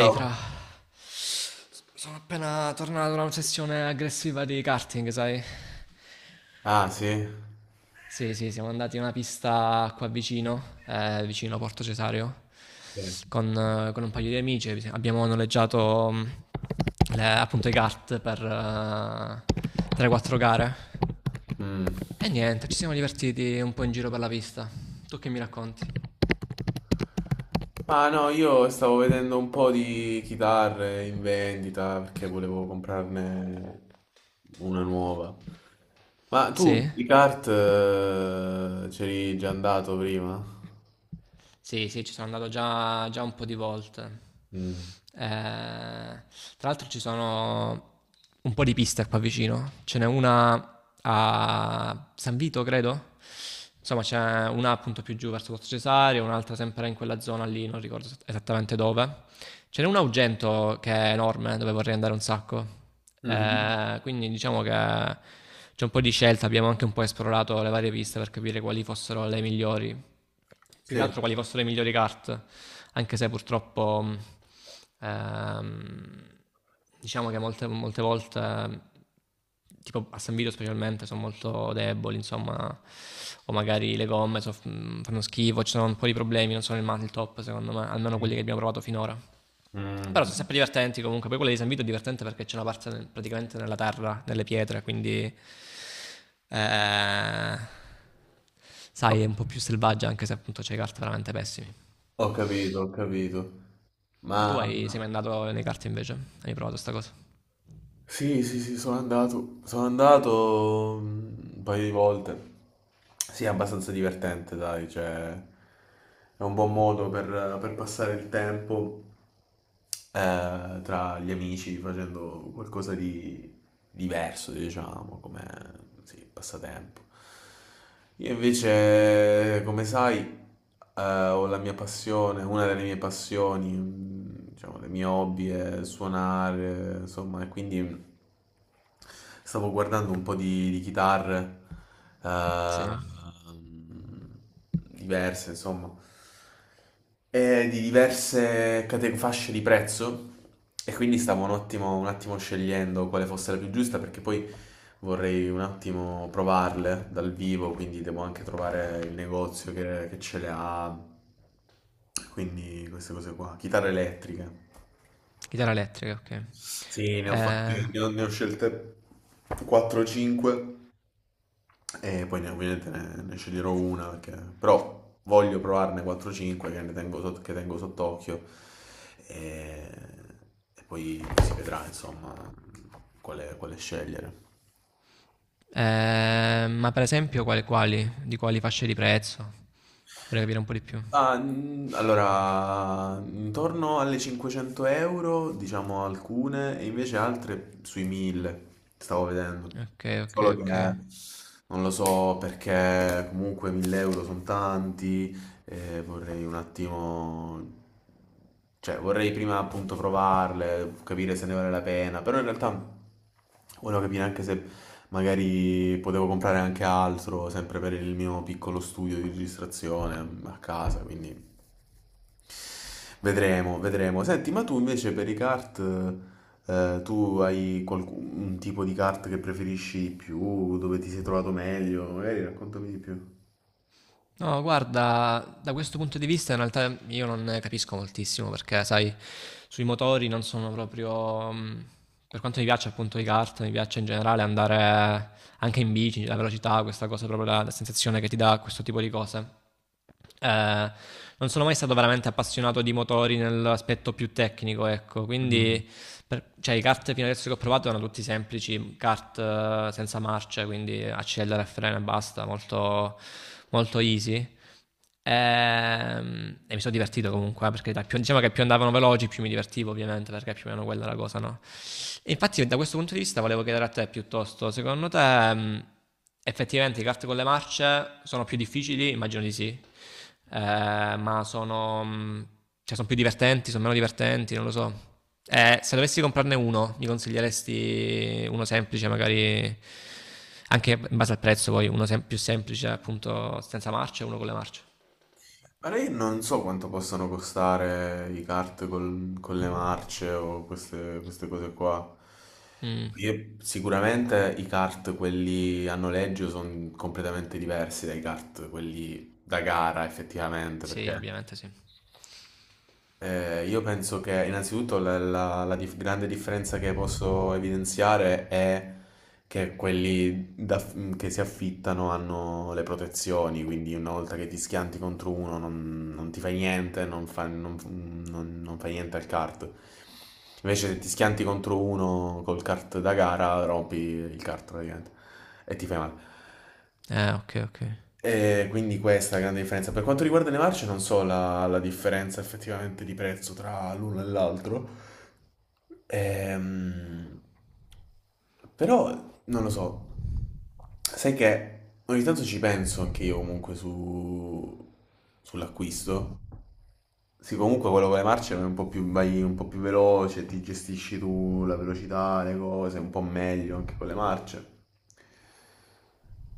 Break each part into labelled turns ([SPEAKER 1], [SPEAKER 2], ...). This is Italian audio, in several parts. [SPEAKER 1] Ehi, fra. Sono appena tornato da una sessione aggressiva di karting, sai?
[SPEAKER 2] Ah, sì.
[SPEAKER 1] Sì, sì, siamo andati in una pista qua vicino, vicino a Porto Cesario,
[SPEAKER 2] Bene.
[SPEAKER 1] con un paio di amici. Abbiamo noleggiato appunto i kart per 3-4 gare.
[SPEAKER 2] Mm.
[SPEAKER 1] E niente, ci siamo divertiti un po' in giro per la pista. Tu che mi racconti?
[SPEAKER 2] Ah no, io stavo vedendo un po' di chitarre in vendita perché volevo comprarne una nuova. Ma
[SPEAKER 1] Sì?
[SPEAKER 2] tu i kart c'eri già andato prima?
[SPEAKER 1] Sì, sì, ci sono andato già un po' di volte.
[SPEAKER 2] Mm.
[SPEAKER 1] Eh, tra l'altro ci sono un po' di piste qua vicino. Ce n'è una a San Vito, credo. Insomma, c'è una appunto più giù verso Pozzo Cesario, un'altra sempre in quella zona lì, non ricordo esattamente dove. Ce n'è un Augento che è enorme, dove vorrei andare un sacco.
[SPEAKER 2] Mhm.
[SPEAKER 1] Quindi diciamo che c'è un po' di scelta, abbiamo anche un po' esplorato le varie piste per capire quali fossero le migliori, più che
[SPEAKER 2] Sì.
[SPEAKER 1] altro quali fossero le migliori carte, anche se purtroppo ehm, diciamo che molte volte tipo a San Vito specialmente sono molto deboli, insomma, o magari le gomme fanno schifo, ci sono un po' di problemi, non sono il top secondo me, almeno quelli che abbiamo provato finora. Però sono
[SPEAKER 2] Mm.
[SPEAKER 1] sempre divertenti comunque. Poi quella di San Vito è divertente perché c'è una parte praticamente nella terra, nelle pietre, quindi, eh,
[SPEAKER 2] Ho
[SPEAKER 1] sai, è un po' più selvaggia anche se appunto c'hai carte veramente pessimi.
[SPEAKER 2] ho capito, ho capito.
[SPEAKER 1] Ma tu
[SPEAKER 2] Ma
[SPEAKER 1] sei mai andato nei carte invece? Hai provato sta cosa?
[SPEAKER 2] Sì, sì, sì, sono andato, un paio di volte. Sì, è abbastanza divertente, dai, cioè è un buon modo per passare il tempo tra gli amici facendo qualcosa di diverso, diciamo, come sì, passatempo. Io invece, come sai, ho la mia passione, una delle mie passioni, diciamo, le mie hobby è suonare, insomma, e quindi stavo guardando un po' di chitarre,
[SPEAKER 1] Sì.
[SPEAKER 2] eh, diverse, insomma, e di diverse fasce di prezzo e quindi stavo un attimo scegliendo quale fosse la più giusta perché poi vorrei un attimo provarle dal vivo, quindi devo anche trovare il negozio che ce le ha, quindi queste cose qua, chitarre elettriche.
[SPEAKER 1] Chitarra elettrica, ok.
[SPEAKER 2] Sì,
[SPEAKER 1] Eh,
[SPEAKER 2] ne ho scelte 4-5 e poi ovviamente ne sceglierò una, però voglio provarne 4-5 che tengo sott'occhio e, e poi si vedrà insomma quale scegliere.
[SPEAKER 1] ma per esempio quali? Di quali fasce di prezzo? Vorrei capire un po' di più.
[SPEAKER 2] Ah, allora, intorno alle 500 euro, diciamo alcune, e invece altre sui 1000, stavo vedendo.
[SPEAKER 1] Ok, ok,
[SPEAKER 2] Solo che
[SPEAKER 1] ok.
[SPEAKER 2] non lo so perché comunque 1000 euro sono tanti, e vorrei un attimo, cioè vorrei prima appunto provarle, capire se ne vale la pena, però in realtà volevo capire anche se magari potevo comprare anche altro, sempre per il mio piccolo studio di registrazione a casa, quindi vedremo, vedremo. Senti, ma tu invece per i kart, tu hai qualcun un tipo di kart che preferisci di più, dove ti sei trovato meglio? Magari raccontami di più.
[SPEAKER 1] No, guarda, da questo punto di vista in realtà io non ne capisco moltissimo perché, sai, sui motori non sono proprio. Per quanto mi piace appunto i kart, mi piace in generale andare anche in bici, la velocità, questa cosa, proprio la sensazione che ti dà questo tipo di cose. Eh, non sono mai stato veramente appassionato di motori nell'aspetto più tecnico, ecco, quindi cioè, i kart fino adesso che ho provato erano tutti semplici, kart senza marcia, quindi accelera e frena e basta, molto, molto easy. E mi sono divertito comunque, perché dai, diciamo che più andavano veloci, più mi divertivo ovviamente, perché più o meno quella è la cosa, no? E infatti, da questo punto di vista, volevo chiedere a te piuttosto, secondo te, effettivamente i kart con le marce sono più difficili? Immagino di sì, ma sono, cioè, sono più divertenti, sono meno divertenti, non lo so. Se dovessi comprarne uno, mi consiglieresti uno semplice, magari anche in base al prezzo, poi uno più semplice, appunto, senza marce e uno con le marce.
[SPEAKER 2] Allora io non so quanto possono costare i kart con le marce o queste cose qua.
[SPEAKER 1] Mm,
[SPEAKER 2] Sicuramente i kart, quelli a noleggio, sono completamente diversi dai kart, quelli da gara effettivamente,
[SPEAKER 1] sì,
[SPEAKER 2] perché
[SPEAKER 1] ovviamente sì.
[SPEAKER 2] io penso che innanzitutto grande differenza che posso evidenziare è che quelli che si affittano hanno le protezioni, quindi una volta che ti schianti contro uno non ti fai niente, non fa, non- non- non fai niente al kart. Invece se ti schianti contro uno col kart da gara rompi il kart praticamente e ti fai male.
[SPEAKER 1] Ok, ok.
[SPEAKER 2] E quindi questa è la grande differenza. Per quanto riguarda le marce, non so la differenza effettivamente di prezzo tra l'uno e l'altro. Ehm, Però non lo so. Sai che ogni tanto ci penso anche io comunque sull'acquisto. Sì, comunque quello con le marce è un po' più, vai un po' più veloce, ti gestisci tu la velocità, le cose, un po' meglio anche con le marce.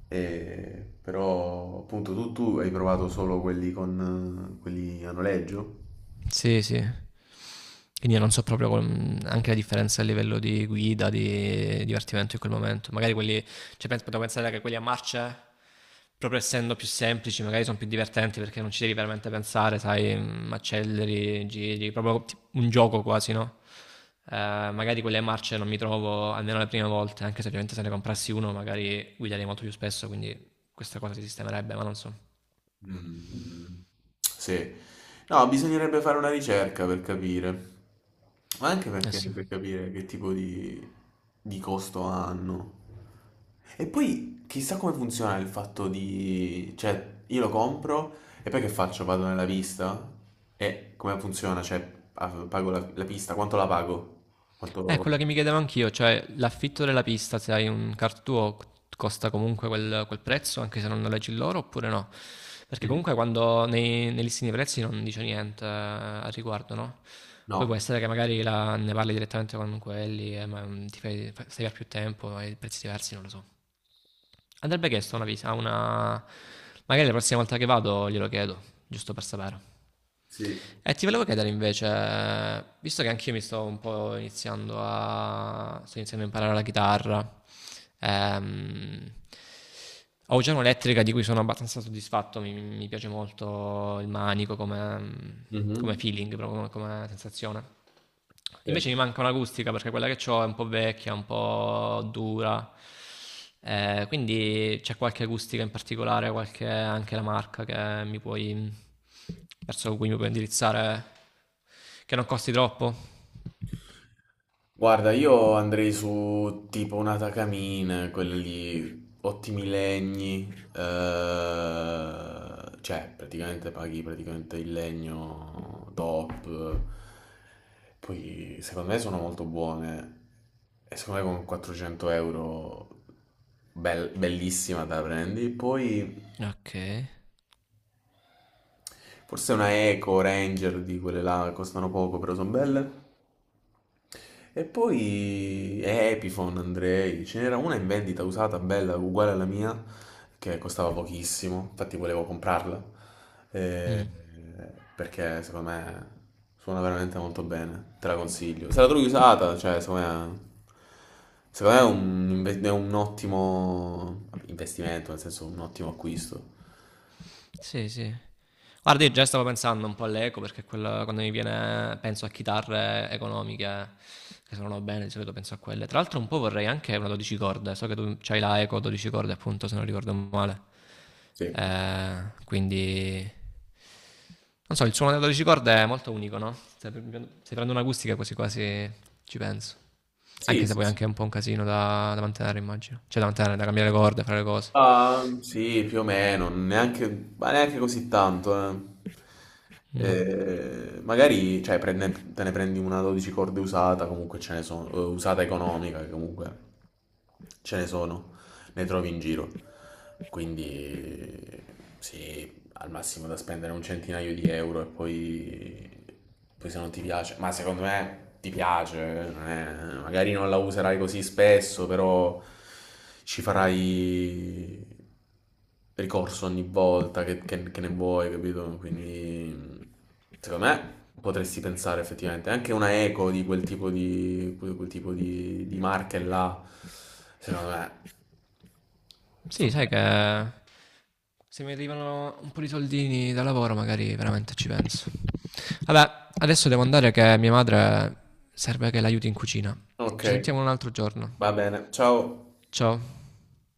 [SPEAKER 2] Però appunto tu hai provato solo quelli a noleggio?
[SPEAKER 1] Sì, sì. Quindi io non so proprio anche la differenza a livello di guida, di divertimento in quel momento. Magari quelli, cioè penso, potrei pensare che quelli a marce, proprio essendo più semplici, magari sono più divertenti perché non ci devi veramente pensare, sai, acceleri, giri, proprio un gioco quasi, no? Magari quelle marce non mi trovo almeno le prime volte, anche se ovviamente se ne comprassi uno magari guiderei molto più spesso, quindi questa cosa si sistemerebbe, ma non so.
[SPEAKER 2] Mm, sì, no, bisognerebbe fare una ricerca per capire, ma anche
[SPEAKER 1] Eh
[SPEAKER 2] perché
[SPEAKER 1] sì.
[SPEAKER 2] per capire che tipo di costo hanno. E poi chissà come funziona il fatto di, cioè, io lo compro e poi che faccio? Vado nella pista? E come funziona? Cioè, ah, pago la pista, quanto la pago?
[SPEAKER 1] È
[SPEAKER 2] Quanto.
[SPEAKER 1] quello che mi chiedevo anch'io, cioè l'affitto della pista, se hai un kart tuo, costa comunque quel prezzo, anche se non noleggi loro, oppure no? Perché
[SPEAKER 2] Mm.
[SPEAKER 1] comunque quando nei listini dei prezzi non dice niente al riguardo, no? Poi può
[SPEAKER 2] No.
[SPEAKER 1] essere che magari ne parli direttamente con quelli, ma ti fai, stai per più tempo, hai prezzi diversi, non lo so. Andrebbe chiesto una visita, una. Magari la prossima volta che vado glielo chiedo, giusto per sapere.
[SPEAKER 2] Sì.
[SPEAKER 1] E ti volevo chiedere invece, visto che anch'io mi sto un po' iniziando a... sto iniziando a imparare la chitarra, ehm, ho già un'elettrica di cui sono abbastanza soddisfatto, mi piace molto il manico come
[SPEAKER 2] Mhm.
[SPEAKER 1] feeling, proprio come sensazione.
[SPEAKER 2] Sì.
[SPEAKER 1] Invece mi manca un'acustica perché quella che ho è un po' vecchia, un po' dura. Quindi c'è qualche acustica in particolare, qualche, anche la marca che mi puoi, verso cui mi puoi indirizzare, che non costi troppo.
[SPEAKER 2] Guarda, io andrei su tipo una Takamine, quelle lì, ottimi legni, cioè praticamente paghi praticamente il legno top, poi secondo me sono molto buone e secondo me con 400 euro bellissima te la prendi, poi
[SPEAKER 1] Ok.
[SPEAKER 2] forse una Eco Ranger di quelle là, costano poco però sono belle. E poi Epiphone, Andrei, ce n'era una in vendita usata, bella, uguale alla mia, che costava pochissimo, infatti volevo comprarla, eh,
[SPEAKER 1] Mm.
[SPEAKER 2] perché secondo me suona veramente molto bene, te la consiglio. Se la trovi usata, cioè secondo me è è un ottimo investimento, nel senso un ottimo acquisto.
[SPEAKER 1] Sì, sì. Guarda, io già stavo pensando un po' all'eco perché quando mi viene, penso a chitarre economiche che suonano bene, di solito penso a quelle. Tra l'altro un po' vorrei anche una 12 corde, so che tu c'hai la eco 12 corde appunto se non ricordo male.
[SPEAKER 2] Sì,
[SPEAKER 1] Eh, quindi... Non so, il suono delle 12 corde è molto unico, no? Se prendo un'acustica quasi quasi ci penso.
[SPEAKER 2] sì,
[SPEAKER 1] Anche se
[SPEAKER 2] sì.
[SPEAKER 1] poi è
[SPEAKER 2] Sì.
[SPEAKER 1] anche un po' un casino da mantenere immagino. Cioè da mantenere, da cambiare le corde, fare le cose.
[SPEAKER 2] Ah, sì, più o meno, neanche, ma neanche così tanto.
[SPEAKER 1] Mm.
[SPEAKER 2] Magari, cioè, te ne prendi una 12 corde usata, comunque ce ne sono, usata economica, che comunque ce ne sono, ne trovi in giro. Quindi, sì, al massimo da spendere un centinaio di euro e poi se non ti piace, ma secondo me ti piace, non è- magari non la userai così spesso, però ci farai ricorso ogni volta che ne vuoi, capito? Quindi secondo me potresti pensare effettivamente anche una eco di quel tipo di, quel tipo di marche là, secondo me
[SPEAKER 1] Sì,
[SPEAKER 2] sono
[SPEAKER 1] sai
[SPEAKER 2] belle.
[SPEAKER 1] che se mi arrivano un po' di soldini da lavoro, magari veramente ci penso. Vabbè, adesso devo andare che mia madre serve che l'aiuti in cucina.
[SPEAKER 2] Ok,
[SPEAKER 1] Ci sentiamo un altro giorno.
[SPEAKER 2] va bene. Ciao.
[SPEAKER 1] Ciao.